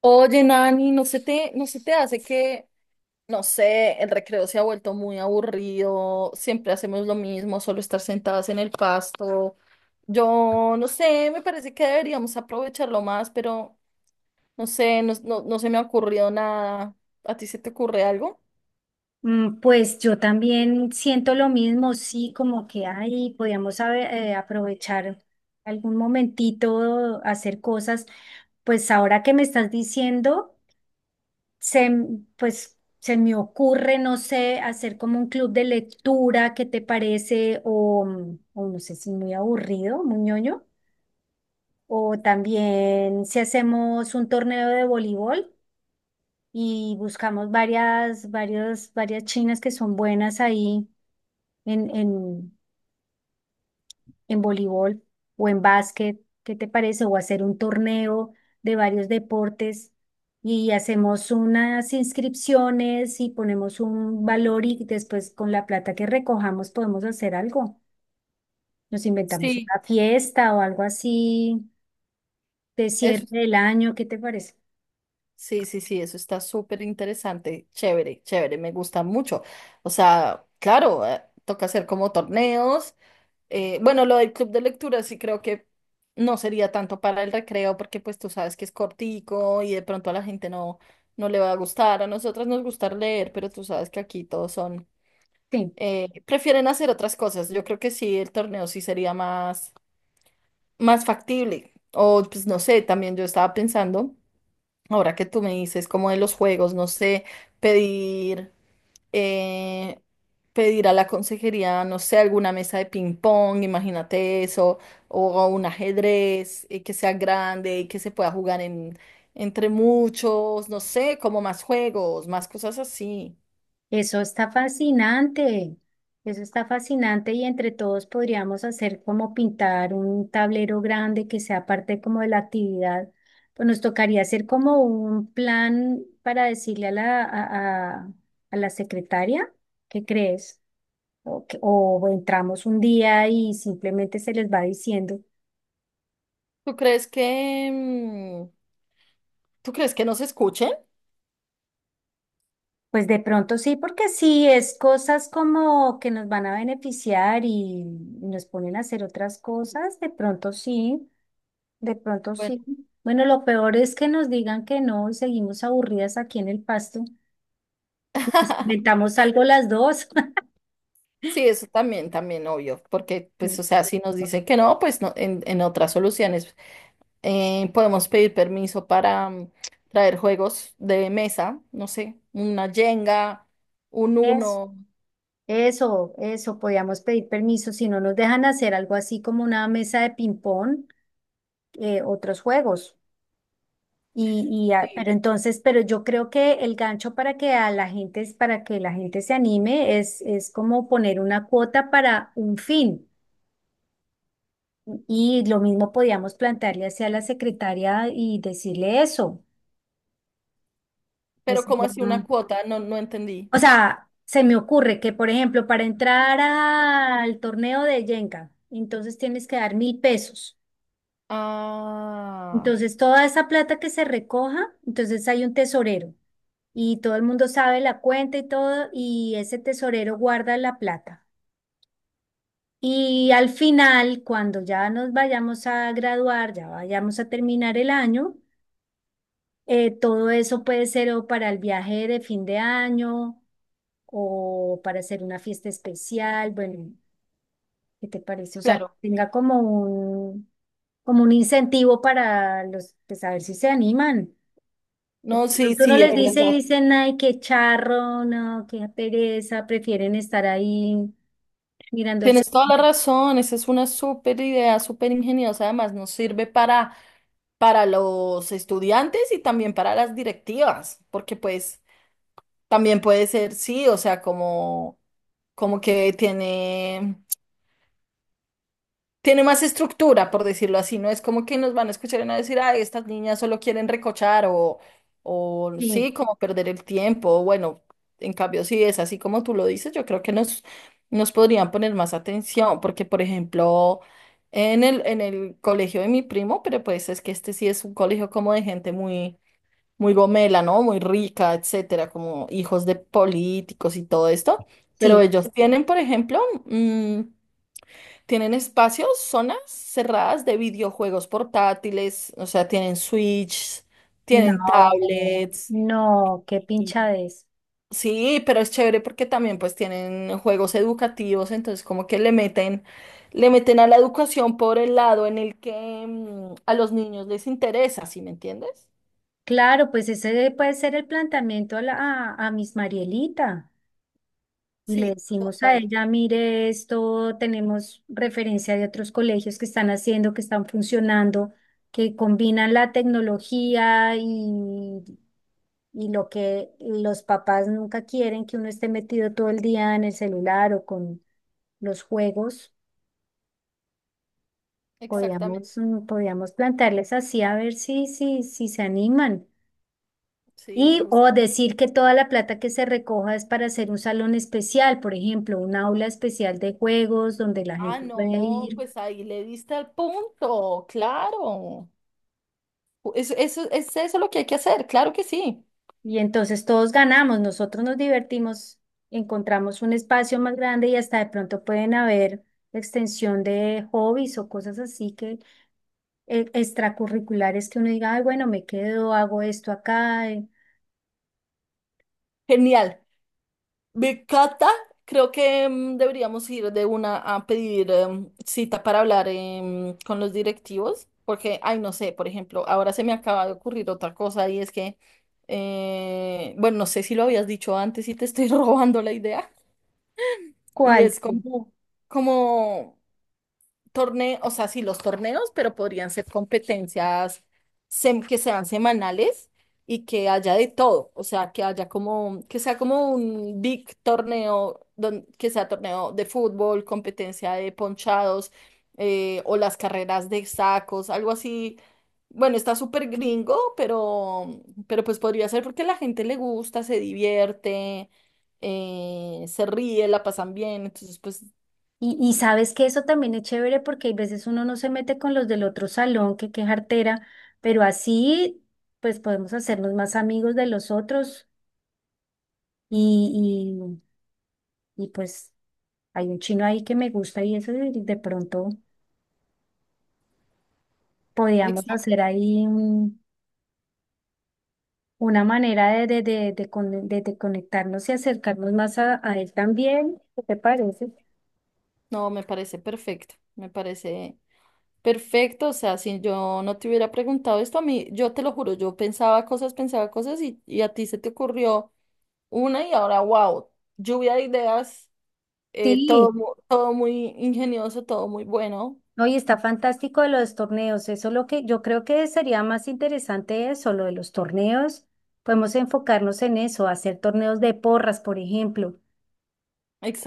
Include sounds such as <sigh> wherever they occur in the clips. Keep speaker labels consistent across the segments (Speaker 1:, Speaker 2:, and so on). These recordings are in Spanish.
Speaker 1: Oye, Nani, ¿no se te hace que, no sé, el recreo se ha vuelto muy aburrido, siempre hacemos lo mismo, solo estar sentadas en el pasto? Yo, no sé, me parece que deberíamos aprovecharlo más, pero no sé, no se me ha ocurrido nada. ¿A ti se te ocurre algo?
Speaker 2: Pues yo también siento lo mismo, sí, como que ahí podíamos haber, aprovechar algún momentito, hacer cosas. Pues ahora que me estás diciendo, pues se me ocurre, no sé, hacer como un club de lectura, ¿qué te parece? O no sé si muy aburrido, muy ñoño. O también si hacemos un torneo de voleibol y buscamos varias chinas que son buenas ahí en, en, en voleibol o en básquet, ¿qué te parece? O hacer un torneo de varios deportes y hacemos unas inscripciones y ponemos un valor y después con la plata que recojamos podemos hacer algo. Nos inventamos
Speaker 1: Sí.
Speaker 2: una fiesta o algo así de cierre
Speaker 1: Eso,
Speaker 2: del año, ¿qué te parece?
Speaker 1: sí, sí, sí, eso está súper interesante, chévere, chévere, me gusta mucho. O sea, claro, toca hacer como torneos. Bueno, lo del club de lectura sí creo que no sería tanto para el recreo porque pues tú sabes que es cortico y de pronto a la gente no, no le va a gustar. A nosotras nos gusta leer, pero tú sabes que aquí todos son,
Speaker 2: Sí.
Speaker 1: prefieren hacer otras cosas. Yo creo que sí, el torneo sí sería más, más factible. O pues no sé, también yo estaba pensando, ahora que tú me dices como de los juegos, no sé, pedir eh, pedir a la consejería, no sé, alguna mesa de ping pong, imagínate eso, o un ajedrez que sea grande y que se pueda jugar en, entre muchos, no sé, como más juegos, más cosas así.
Speaker 2: Eso está fascinante, eso está fascinante y entre todos podríamos hacer como pintar un tablero grande que sea parte como de la actividad. Pues nos tocaría hacer como un plan para decirle a la secretaria, ¿qué crees? O entramos un día y simplemente se les va diciendo.
Speaker 1: ¿Tú crees que, tú crees que nos escuchen?
Speaker 2: Pues de pronto sí, porque sí, es cosas como que nos van a beneficiar y nos ponen a hacer otras cosas, de pronto sí. De pronto
Speaker 1: Bueno.
Speaker 2: sí. Bueno, lo peor es que nos digan que no y seguimos aburridas aquí en el pasto y nos
Speaker 1: <laughs>
Speaker 2: inventamos algo las dos. <laughs>
Speaker 1: Sí, eso también, también, obvio, porque pues,
Speaker 2: Sí.
Speaker 1: o sea, si nos dicen que no, pues no, en otras soluciones. Podemos pedir permiso para traer juegos de mesa, no sé, una Jenga, un
Speaker 2: Eso,
Speaker 1: Uno,
Speaker 2: eso, podíamos pedir permiso si no nos dejan hacer algo así como una mesa de ping-pong, otros juegos.
Speaker 1: sí.
Speaker 2: Pero entonces, yo creo que el gancho para que a la gente, para que la gente se anime es como poner una cuota para un fin. Y lo mismo podíamos plantearle hacia la secretaria y decirle eso.
Speaker 1: ¿Pero
Speaker 2: Entonces,
Speaker 1: cómo así una
Speaker 2: no.
Speaker 1: cuota? No, no entendí.
Speaker 2: O sea, se me ocurre que, por ejemplo, para entrar al torneo de Jenga, entonces tienes que dar 1000 pesos.
Speaker 1: Ah,
Speaker 2: Entonces, toda esa plata que se recoja, entonces hay un tesorero y todo el mundo sabe la cuenta y todo, y ese tesorero guarda la plata. Y al final, cuando ya nos vayamos a graduar, ya vayamos a terminar el año, todo eso puede ser o para el viaje de fin de año o para hacer una fiesta especial, bueno, ¿qué te parece? O sea, que
Speaker 1: claro.
Speaker 2: tenga como un incentivo para los, pues a ver si se animan. De
Speaker 1: No, sí,
Speaker 2: pronto uno
Speaker 1: sí,
Speaker 2: les
Speaker 1: es
Speaker 2: bueno, dice y
Speaker 1: verdad.
Speaker 2: dicen, ay, qué charro, no, qué pereza, prefieren estar ahí mirando el...
Speaker 1: Tienes toda la razón, esa es una súper idea, súper ingeniosa. Además, nos sirve para los estudiantes y también para las directivas, porque pues también puede ser, sí, o sea, como, como que tiene tiene más estructura, por decirlo así, no es como que nos van a escuchar y van a decir, ay, estas niñas solo quieren recochar o
Speaker 2: Sí,
Speaker 1: sí, como perder el tiempo. Bueno, en cambio, si es así como tú lo dices, yo creo que nos, nos podrían poner más atención, porque, por ejemplo, en el colegio de mi primo, pero pues es que este sí es un colegio como de gente muy, muy gomela, ¿no? Muy rica, etcétera, como hijos de políticos y todo esto, pero
Speaker 2: sí,
Speaker 1: ellos tienen, por ejemplo, mm, tienen espacios, zonas cerradas de videojuegos portátiles, o sea, tienen Switch, tienen
Speaker 2: no,
Speaker 1: tablets.
Speaker 2: no, qué
Speaker 1: y-
Speaker 2: pinchadez.
Speaker 1: Sí, pero es chévere porque también pues tienen juegos educativos, entonces como que le meten a la educación por el lado en el que a los niños les interesa, ¿sí me entiendes?
Speaker 2: Claro, pues ese puede ser el planteamiento a, la, a Miss Marielita. Y le
Speaker 1: Sí,
Speaker 2: decimos a
Speaker 1: total,
Speaker 2: ella, mire, esto tenemos referencia de otros colegios que están haciendo, que están funcionando, que combinan la tecnología y lo que los papás nunca quieren, que uno esté metido todo el día en el celular o con los juegos.
Speaker 1: exactamente,
Speaker 2: Podíamos plantearles así a ver si se animan.
Speaker 1: sí, me
Speaker 2: Y o
Speaker 1: gusta.
Speaker 2: decir que toda la plata que se recoja es para hacer un salón especial, por ejemplo, un aula especial de juegos donde la
Speaker 1: Ah,
Speaker 2: gente puede
Speaker 1: no,
Speaker 2: ir.
Speaker 1: pues ahí le diste al punto, claro. Eso es eso lo que hay que hacer, claro que sí.
Speaker 2: Y entonces todos ganamos, nosotros nos divertimos, encontramos un espacio más grande y hasta de pronto pueden haber extensión de hobbies o cosas así que extracurriculares que uno diga, ay, bueno, me quedo, hago esto acá.
Speaker 1: Genial. Me Cata, creo que deberíamos ir de una a pedir cita para hablar con los directivos, porque, ay, no sé, por ejemplo, ahora se me acaba de ocurrir otra cosa y es que, bueno, no sé si lo habías dicho antes y te estoy <laughs> robando la idea, y
Speaker 2: ¿Cuál?
Speaker 1: es como, como torneos, o sea, sí, los torneos, pero podrían ser competencias que sean semanales y que haya de todo, o sea, que haya como, que sea como un big torneo, que sea torneo de fútbol, competencia de ponchados o las carreras de sacos, algo así. Bueno, está súper gringo, pero pues podría ser porque a la gente le gusta, se divierte, se ríe, la pasan bien, entonces pues...
Speaker 2: Y sabes que eso también es chévere porque hay veces uno no se mete con los del otro salón, que qué jartera, pero así pues podemos hacernos más amigos de los otros y, y, pues hay un chino ahí que me gusta y eso de pronto podíamos
Speaker 1: Exacto.
Speaker 2: hacer ahí un- una manera de conectarnos y acercarnos más a, él también. ¿Qué te parece?
Speaker 1: No, me parece perfecto, me parece perfecto. O sea, si yo no te hubiera preguntado esto a mí, yo te lo juro, yo pensaba cosas y a ti se te ocurrió una y ahora, wow, lluvia de ideas, todo,
Speaker 2: Sí.
Speaker 1: todo muy ingenioso, todo muy bueno.
Speaker 2: No, y está fantástico lo de los torneos. Eso es lo que yo creo que sería más interesante eso, lo de los torneos. Podemos enfocarnos en eso, hacer torneos de porras, por ejemplo.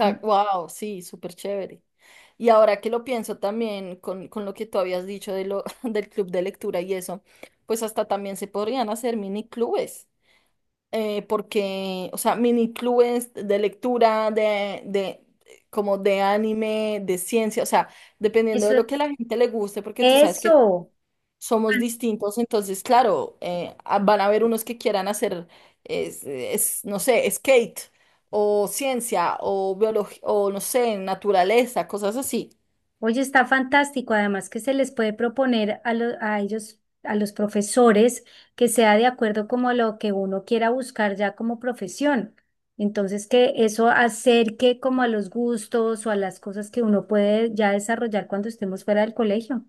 Speaker 2: Am-
Speaker 1: wow, sí, súper chévere. Y ahora que lo pienso también con lo que tú habías dicho de lo, <laughs> del club de lectura y eso, pues hasta también se podrían hacer mini clubes. Porque, o sea, mini clubes de lectura, de, como de anime, de ciencia, o sea, dependiendo de
Speaker 2: Eso,
Speaker 1: lo que a la gente le guste, porque tú sabes que
Speaker 2: eso.
Speaker 1: somos distintos, entonces, claro, van a haber unos que quieran hacer, no sé, skate o ciencia o biología o, no sé, naturaleza, cosas así.
Speaker 2: Oye, está fantástico. Además que se les puede proponer a, a ellos, a los profesores, que sea de acuerdo como a lo que uno quiera buscar ya como profesión. Entonces, que eso acerque como a los gustos o a las cosas que uno puede ya desarrollar cuando estemos fuera del colegio.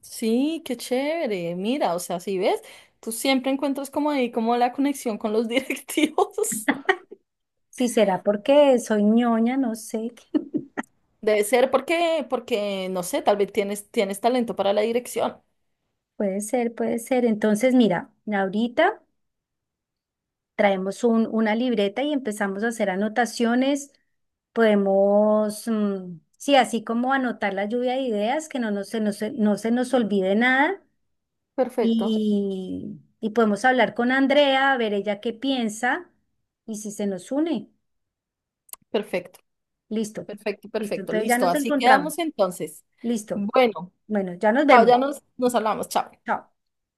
Speaker 1: Sí, qué chévere. Mira, o sea, si ves, tú siempre encuentras como ahí como la conexión con los <laughs> directivos.
Speaker 2: Si será porque soy ñoña, no sé. <laughs>
Speaker 1: Debe ser porque, porque, no sé, tal vez tienes, tienes talento para la dirección.
Speaker 2: Puede ser, puede ser. Entonces, mira, ahorita traemos un- una libreta y empezamos a hacer anotaciones. Podemos, sí, así como anotar la lluvia de ideas, que no, no se nos olvide nada.
Speaker 1: Perfecto,
Speaker 2: Y podemos hablar con Andrea, a ver ella qué piensa y si se nos une.
Speaker 1: perfecto,
Speaker 2: Listo,
Speaker 1: perfecto,
Speaker 2: listo.
Speaker 1: perfecto.
Speaker 2: Entonces ya
Speaker 1: Listo,
Speaker 2: nos
Speaker 1: así quedamos
Speaker 2: encontramos.
Speaker 1: entonces.
Speaker 2: Listo.
Speaker 1: Bueno,
Speaker 2: Bueno, ya nos
Speaker 1: chao,
Speaker 2: vemos.
Speaker 1: ya nos, nos hablamos, chao.
Speaker 2: Chao.